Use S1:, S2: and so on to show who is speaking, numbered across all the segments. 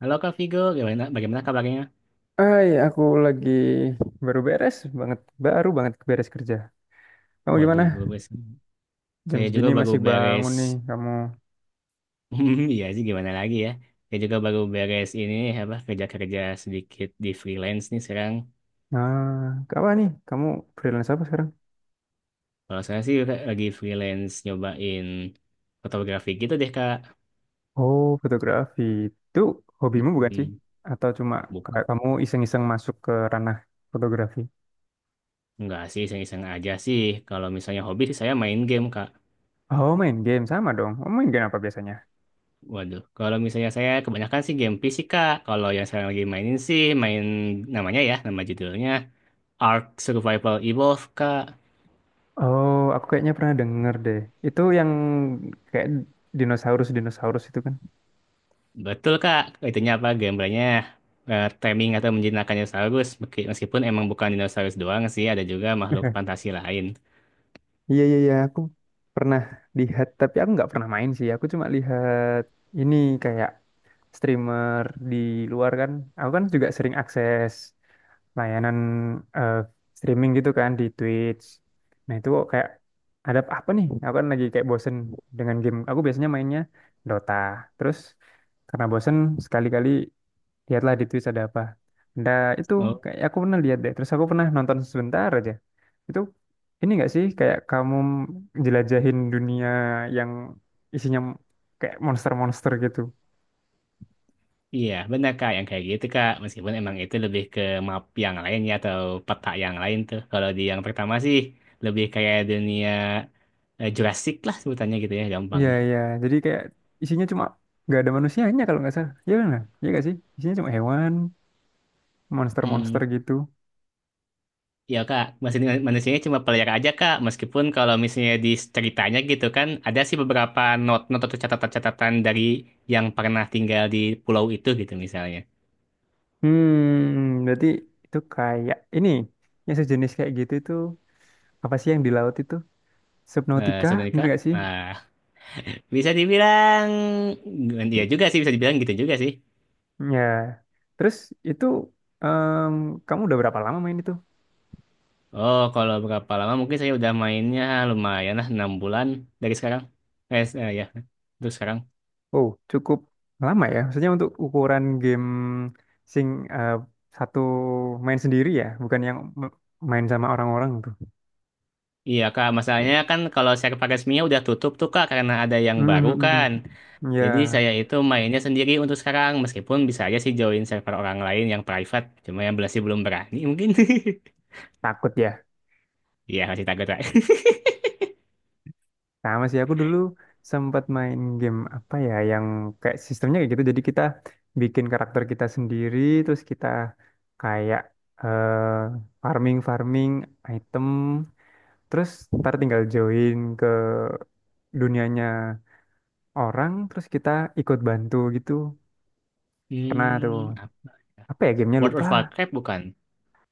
S1: Halo Kak Vigo, bagaimana kabarnya?
S2: Hai, aku lagi baru beres banget, baru banget beres kerja. Kamu gimana?
S1: Waduh, baru beres.
S2: Jam
S1: Saya juga
S2: segini
S1: baru
S2: masih
S1: beres.
S2: bangun nih kamu.
S1: Iya sih, gimana lagi ya? Saya juga baru beres ini apa kerja-kerja sedikit di freelance nih sekarang.
S2: Nah, apa nih? Kamu freelance apa sekarang?
S1: Kalau saya sih lagi freelance nyobain fotografi gitu deh Kak.
S2: Oh, fotografi. Itu hobimu bukan sih?
S1: Mm.
S2: Atau cuma kayak
S1: Bukan,
S2: kamu iseng-iseng masuk ke ranah fotografi?
S1: enggak sih, iseng-iseng aja sih. Kalau misalnya hobi sih saya main game Kak.
S2: Oh, main game sama dong. Oh, main game apa biasanya?
S1: Waduh, kalau misalnya saya kebanyakan sih game fisika. Kalau yang saya lagi mainin sih main namanya ya, nama judulnya. Ark Survival Evolved, Kak.
S2: Oh, aku kayaknya pernah denger deh. Itu yang kayak dinosaurus-dinosaurus itu kan?
S1: Betul, Kak. Itunya apa? Gambarnya taming atau menjinakkan dinosaurus. Meskipun emang bukan dinosaurus doang sih, ada juga makhluk fantasi lain.
S2: Iya iya iya aku pernah lihat tapi aku nggak pernah main sih. Aku cuma lihat ini kayak streamer di luar kan. Aku kan juga sering akses layanan eh, streaming gitu kan di Twitch. Nah itu kok kayak ada apa nih? Aku kan lagi kayak bosen dengan game. Aku biasanya mainnya Dota. Terus karena bosen sekali-kali lihatlah di Twitch ada apa. Nah, itu
S1: Oh,
S2: kayak aku pernah lihat deh. Terus aku pernah nonton sebentar aja. Itu ini nggak sih kayak kamu jelajahin dunia yang isinya kayak monster-monster gitu.
S1: iya. Benar, Kak. Yang kayak gitu, Kak. Meskipun emang itu lebih ke map yang lain ya, atau peta yang lain tuh. Kalau di yang pertama sih, lebih kayak dunia Jurassic lah sebutannya gitu ya,
S2: Iya,
S1: gampangnya.
S2: iya. Jadi kayak isinya cuma nggak ada manusianya kalau nggak salah. Iya benar. Iya nggak sih? Isinya cuma hewan, monster-monster
S1: Hmm,
S2: gitu.
S1: Ya kak, maksudnya manusianya cuma player aja kak, meskipun kalau misalnya di ceritanya gitu kan, ada sih beberapa not-not atau catatan-catatan dari yang pernah tinggal di pulau itu gitu misalnya.
S2: Hmm, berarti itu kayak ini yang sejenis kayak gitu itu apa sih yang di laut itu?
S1: Eh
S2: Subnautica,
S1: sebenarnya
S2: bener
S1: kak,
S2: gak sih?
S1: ah, bisa dibilang, ya juga sih bisa dibilang gitu juga sih.
S2: Ya, terus itu em, kamu udah berapa lama main itu?
S1: Oh, kalau berapa lama mungkin saya udah mainnya lumayan lah 6 bulan dari sekarang. Ya, terus sekarang.
S2: Oh, cukup lama ya. Maksudnya untuk ukuran game sing eh, satu main sendiri ya, bukan yang main sama orang-orang tuh.
S1: Iya kak, masalahnya kan kalau server resminya udah tutup tuh kak karena ada yang
S2: Hmm,
S1: baru
S2: hmm, hmm,
S1: kan.
S2: hmm. Ya,
S1: Jadi saya itu mainnya sendiri untuk sekarang, meskipun bisa aja sih join server orang lain yang private, cuma yang masih belum berani mungkin.
S2: takut ya.
S1: Iya, masih takut lah.
S2: Sama sih aku dulu sempat main game apa ya yang kayak sistemnya kayak gitu. Jadi kita bikin karakter kita sendiri, terus kita kayak eh farming farming item. Terus ntar tinggal join ke dunianya orang, terus kita ikut bantu gitu. Pernah tuh.
S1: Hmm, apa?
S2: Apa ya gamenya
S1: World
S2: lupa.
S1: of Warcraft bukan?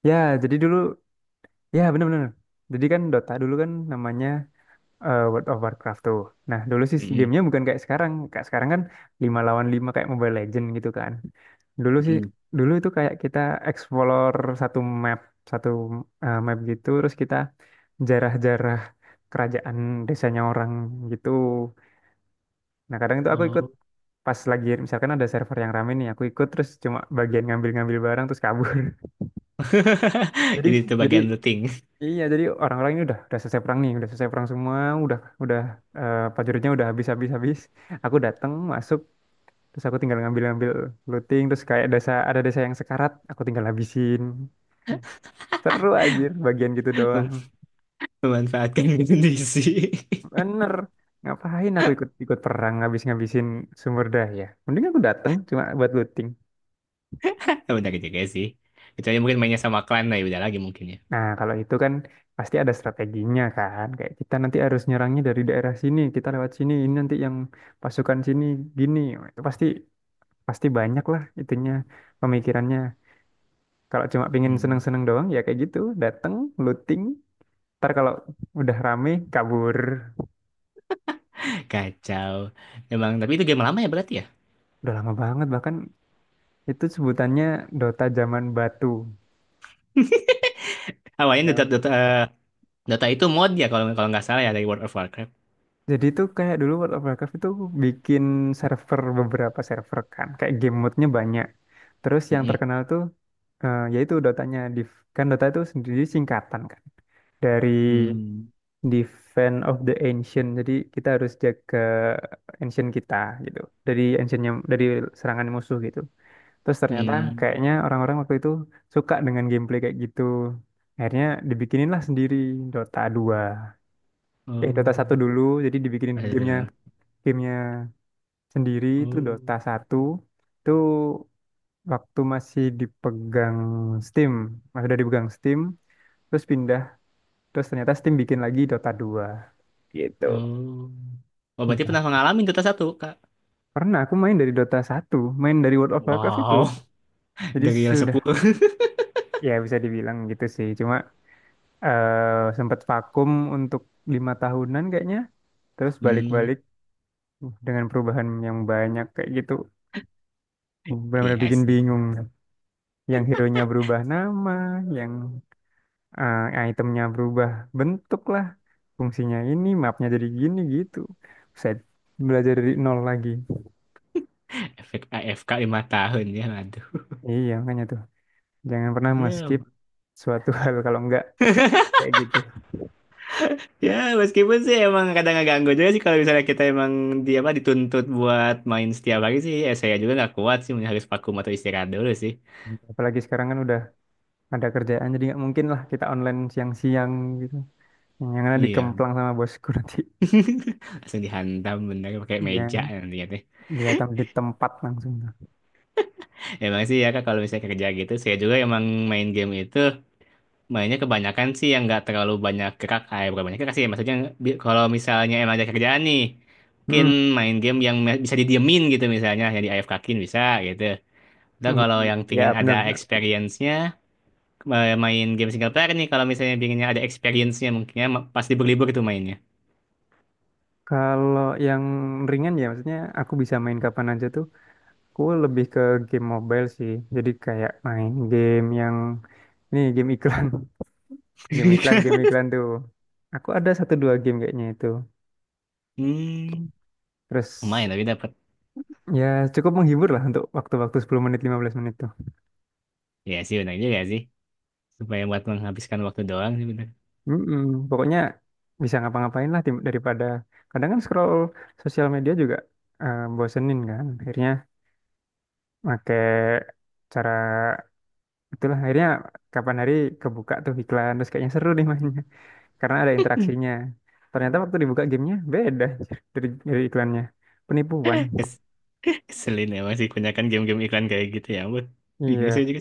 S2: Ya, jadi dulu, ya bener-bener. Jadi kan Dota dulu kan namanya World of Warcraft tuh. Nah, dulu sih
S1: Mm-mm,
S2: gamenya bukan kayak sekarang. Kayak sekarang kan 5 lawan 5 kayak Mobile Legend gitu kan. Dulu sih,
S1: mm-mm.
S2: dulu itu kayak kita explore satu map, satu map gitu. Terus kita jarah-jarah kerajaan desanya orang gitu. Nah, kadang itu aku ikut
S1: Oh,
S2: pas lagi misalkan ada server yang rame nih, aku ikut terus cuma bagian ngambil-ngambil barang terus kabur. Jadi
S1: jadi itu
S2: jadi
S1: bagian looting?
S2: iya, jadi orang-orang ini udah selesai perang nih, udah selesai perang semua, udah prajuritnya udah habis-habis habis. Habis. Aku datang masuk terus aku tinggal ngambil-ngambil looting terus kayak desa ada desa yang sekarat, aku tinggal habisin. Seru anjir bagian gitu doang.
S1: Mem- memanfaatkan kondisi.
S2: Bener. Ngapain aku ikut ikut perang habis ngabisin sumber daya? Mending aku datang cuma buat looting.
S1: Benar juga sih. Kecuali mungkin mainnya sama klan, nah ya udah lagi mungkin ya.
S2: Nah, kalau itu kan pasti ada strateginya kan. Kayak kita nanti harus nyerangnya dari daerah sini, kita lewat sini, ini nanti yang pasukan sini gini. Itu pasti pasti banyak lah itunya pemikirannya. Kalau cuma pingin
S1: Hmm.
S2: seneng-seneng doang ya kayak gitu, dateng, looting, ntar kalau udah rame kabur.
S1: Kacau. Emang, tapi itu game lama ya berarti ya?
S2: Udah lama banget bahkan itu sebutannya Dota zaman batu.
S1: Awalnya
S2: Ya,
S1: Dota itu mod ya kalau kalau nggak salah ya dari World of Warcraft.
S2: jadi itu kayak dulu World of Warcraft itu bikin server beberapa server kan, kayak game mode-nya banyak. Terus yang
S1: Mm-mm.
S2: terkenal tuh yaitu Dotanya Div. Kan Dota itu sendiri singkatan kan dari
S1: Hmm.
S2: Defense of the Ancient. Jadi kita harus jaga ancient kita gitu. Dari ancientnya dari serangan musuh gitu. Terus ternyata
S1: Hmm.
S2: kayaknya orang-orang waktu itu suka dengan gameplay kayak gitu. Akhirnya dibikinin lah sendiri Dota 2. Eh Dota satu
S1: Oh,
S2: dulu jadi dibikinin
S1: ada
S2: gamenya
S1: sederhana.
S2: gamenya sendiri itu Dota
S1: Oh,
S2: satu itu waktu masih dipegang Steam, masih udah dipegang Steam, terus pindah, terus ternyata Steam bikin lagi Dota dua, gitu.
S1: oh. Oh,
S2: Nah,
S1: berarti pernah mengalami Dota 1, Kak.
S2: pernah aku main dari Dota satu, main dari World of Warcraft itu.
S1: Wow,
S2: Jadi
S1: dari yang
S2: sudah
S1: sepuluh.
S2: ya bisa dibilang gitu sih. Cuma sempat vakum untuk lima tahunan kayaknya, terus balik-balik
S1: Hmm,
S2: dengan perubahan yang banyak kayak gitu. Benar-benar
S1: iya
S2: bikin
S1: sih.
S2: bingung. Yang hero-nya berubah nama, yang itemnya berubah bentuk lah. Fungsinya ini, mapnya jadi gini gitu. Saya belajar dari nol lagi.
S1: Efek AFK 5 tahun ya, aduh.
S2: Iya, makanya tuh. Jangan pernah
S1: Ya,
S2: nge-skip suatu hal kalau enggak kayak gitu.
S1: ya, meskipun sih emang kadang agak ganggu juga sih kalau misalnya kita emang di apa dituntut buat main setiap hari sih, ya saya juga nggak kuat sih, mungkin harus vakum atau istirahat dulu sih.
S2: Apalagi sekarang kan udah ada kerjaan, jadi nggak mungkin lah kita online siang-siang gitu. Yang ada
S1: Iya,
S2: dikemplang sama bosku nanti.
S1: langsung dihantam bener pakai meja
S2: Ya,
S1: nanti ya.
S2: dia tam di tempat langsung. Tuh.
S1: Emang sih ya kak kalau misalnya kerja gitu, saya juga emang main game itu. Mainnya kebanyakan sih yang nggak terlalu banyak gerak, eh bukan banyak gerak sih, ya, maksudnya kalau misalnya emang ada kerjaan nih, mungkin
S2: Hmm,
S1: main game yang bisa didiemin gitu misalnya, yang di AFK-kin bisa gitu. Dan
S2: hmm.
S1: kalau yang pingin
S2: Ya,
S1: ada
S2: benar-benar.
S1: experience-nya, main game single player nih, kalau misalnya pinginnya ada experience-nya mungkinnya pas libur-libur tuh mainnya.
S2: Kalau yang ringan ya, maksudnya aku bisa main kapan aja tuh. Aku lebih ke game mobile sih. Jadi kayak main game yang ini game iklan, game iklan tuh. Aku ada satu dua game kayaknya itu.
S1: Hmm,
S2: Terus
S1: lumayan tapi dapat.
S2: ya cukup menghibur lah untuk waktu-waktu 10 menit 15 menit tuh.
S1: Ya sih benar juga sih. Supaya buat menghabiskan waktu doang sih benar.
S2: Mm-mm. Pokoknya bisa ngapa-ngapain lah daripada kadang kan scroll sosial media juga bosenin kan. Akhirnya pakai cara itulah akhirnya kapan hari kebuka tuh iklan terus kayaknya seru nih mainnya. Karena ada interaksinya. Ternyata waktu dibuka gamenya beda dari iklannya. Penipuan.
S1: Kes- Keselin emang sih kebanyakan game-game iklan kayak gitu ya ampun. Bingung sih
S2: Iya.
S1: juga.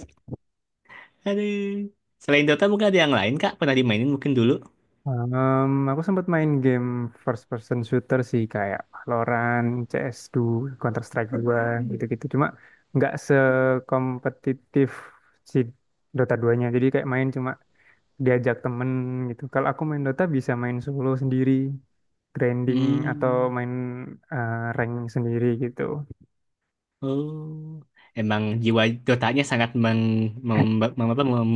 S1: Aduh. Selain Dota mungkin ada yang lain Kak? Pernah dimainin mungkin dulu?
S2: Aku sempat main game first person shooter sih kayak Valorant, CS2, Counter Strike 2 gitu-gitu. Cuma nggak sekompetitif si Dota 2-nya. Jadi kayak main cuma diajak temen gitu. Kalau aku main Dota bisa main solo sendiri, grinding atau
S1: Hmm.
S2: main rank sendiri gitu.
S1: Oh. Emang jiwa Dotanya sangat meng, mem,
S2: Eh,
S1: mem- apa, mem,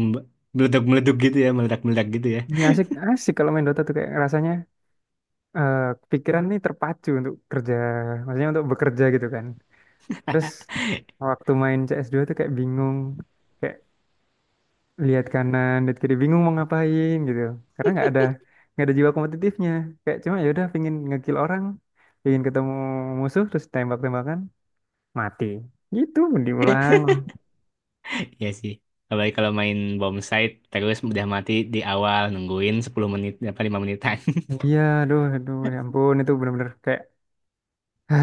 S1: meledak-meledak gitu ya, meledak-meledak gitu ya.
S2: Ini asik asik kalau main Dota tuh kayak rasanya eh, pikiran nih terpacu untuk kerja, maksudnya untuk bekerja gitu kan. Terus waktu main CS2 tuh kayak bingung, kayak lihat kanan, lihat kiri, bingung mau ngapain gitu. Karena nggak ada jiwa kompetitifnya. Kayak cuma ya udah pingin ngekill orang, pingin ketemu musuh terus tembak-tembakan, mati. Gitu diulang.
S1: Iya sih. Apalagi kalau main bom site terus udah mati di awal nungguin 10 menit apa 5 menitan.
S2: Iya, aduh, aduh, ya ampun itu bener-bener kayak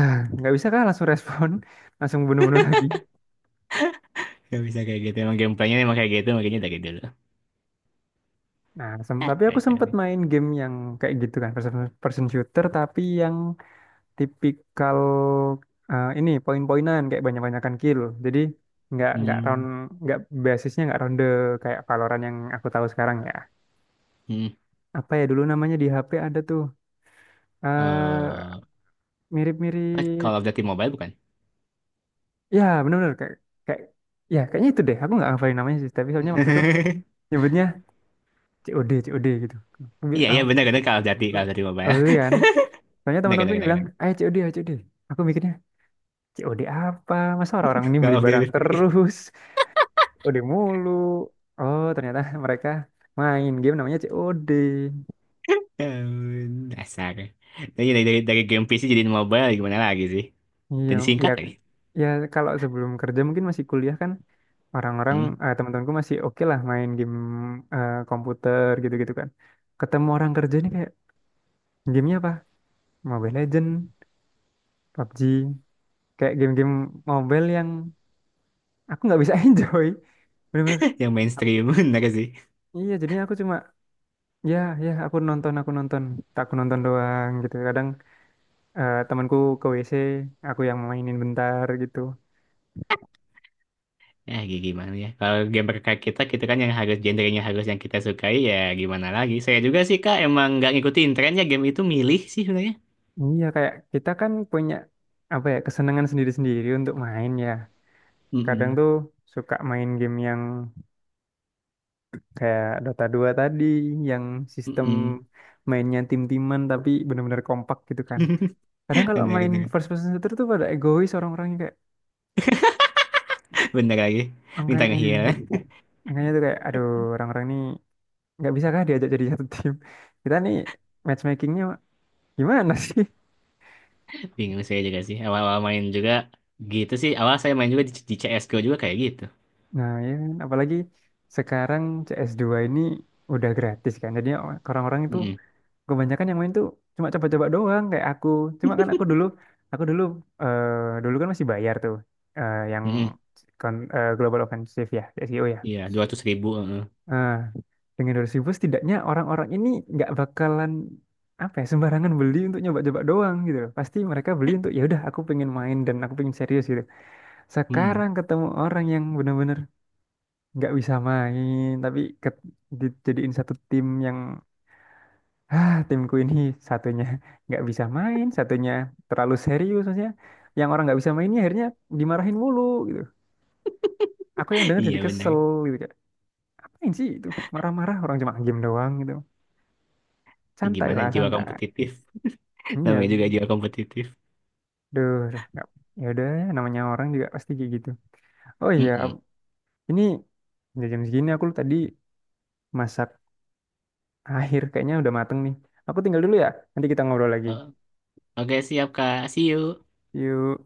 S2: nggak bisa kah langsung respon, langsung bunuh-bunuh lagi.
S1: Gak bisa kayak gitu. Emang gameplaynya emang kayak gitu makanya dari dulu.
S2: Nah,
S1: Hah,
S2: tapi aku
S1: kacau
S2: sempat
S1: sih.
S2: main game yang kayak gitu kan, first person shooter, tapi yang tipikal ini poin-poinan kayak banyak-banyakan kill. Jadi nggak
S1: Hmm.
S2: round nggak basisnya nggak ronde kayak Valorant yang aku tahu sekarang ya.
S1: Hmm.
S2: Apa ya dulu namanya di HP ada tuh eh
S1: Eh,
S2: mirip-mirip,
S1: Call of Duty Mobile bukan?
S2: ya benar-benar kayak kayak ya kayaknya itu deh. Aku nggak hafalin namanya sih, tapi soalnya waktu itu nyebutnya COD COD gitu. Aku bi-
S1: Iya, iya
S2: aku-
S1: benar benar Call of Duty
S2: aku
S1: Mobile.
S2: berarti kan? Soalnya
S1: Benar
S2: teman-temanku
S1: benar
S2: juga
S1: benar.
S2: bilang,
S1: Benar.
S2: ayo COD, ayo COD. Aku mikirnya, COD apa? Masa orang-orang ini
S1: Gak
S2: beli
S1: update
S2: barang
S1: listrik.
S2: terus? COD mulu. Oh, ternyata mereka main game namanya COD.
S1: Ya ampun, dasar. Tapi dari game PC jadiin mobile gimana lagi sih? Dan
S2: Iya, ya,
S1: disingkat lagi.
S2: ya kalau sebelum kerja mungkin masih kuliah kan, orang-orang,
S1: Hmm?
S2: teman-temanku masih oke lah main game komputer gitu-gitu kan. Ketemu orang kerja ini kayak, gamenya apa? Mobile Legend, PUBG, kayak game-game mobile yang aku nggak bisa enjoy. Bener-bener.
S1: Yang mainstream bener sih.
S2: Iya, jadinya aku cuma ya, ya, aku nonton, aku nonton. Tak aku nonton doang gitu. Kadang temanku ke WC, aku yang mainin bentar gitu.
S1: Ya gimana ya. Kalau game berkait kita kan yang harus genrenya harus yang kita sukai ya gimana lagi. Saya juga sih Kak emang nggak ngikutin trennya game itu milih sih sebenarnya.
S2: Iya, kayak kita kan punya apa ya, kesenangan sendiri-sendiri untuk main ya. Kadang
S1: Mm-mm.
S2: tuh suka main game yang kayak Dota 2 tadi, yang sistem
S1: Mm-mm.
S2: mainnya tim-timan tapi benar-benar kompak gitu kan. Kadang kalau
S1: Bener,
S2: main
S1: bener.
S2: first person shooter tuh pada egois orang-orangnya kayak
S1: Bener lagi. Minta
S2: angkanya.
S1: ngehil.
S2: Angkanya tuh kayak aduh, orang-orang ini nggak bisa kah diajak jadi satu tim kita nih matchmakingnya gimana sih
S1: Bingung saya juga sih. Awal-awal main juga gitu sih. Awal saya main juga di, CSGO juga kayak gitu.
S2: nah ya kan? Apalagi sekarang CS2 ini udah gratis kan jadi orang-orang itu
S1: Mm-mm.
S2: kebanyakan yang main tuh cuma coba-coba doang kayak aku cuma kan aku dulu eh dulu kan masih bayar tuh yang
S1: Mm-mm.
S2: Global Offensive ya G2O ya
S1: Iya, 200 ribu.
S2: nah dengan 200 ribu setidaknya orang-orang ini nggak bakalan apa ya sembarangan beli untuk nyoba-coba doang gitu loh. Pasti mereka beli untuk ya udah aku pengen main dan aku pengen serius gitu.
S1: Mm-mm.
S2: Sekarang ketemu orang yang benar-benar nggak bisa main tapi dijadiin satu tim yang ah timku ini satunya nggak bisa main, satunya terlalu serius maksudnya. Yang orang nggak bisa mainnya akhirnya dimarahin mulu gitu. Aku yang denger
S1: Iya
S2: jadi
S1: benar.
S2: kesel gitu kayak apain sih itu marah-marah orang cuma game doang gitu. Santai
S1: Gimana
S2: lah
S1: jiwa
S2: santai
S1: kompetitif?
S2: iya
S1: Namanya juga jiwa kompetitif.
S2: duh duh, nggak ya udah namanya orang juga pasti kayak gitu. Oh iya,
S1: Mm-mm.
S2: ini udah jam segini aku tadi masak akhir kayaknya udah mateng nih aku tinggal dulu ya nanti kita ngobrol lagi
S1: Oh, oke siap Kak. See you.
S2: yuk.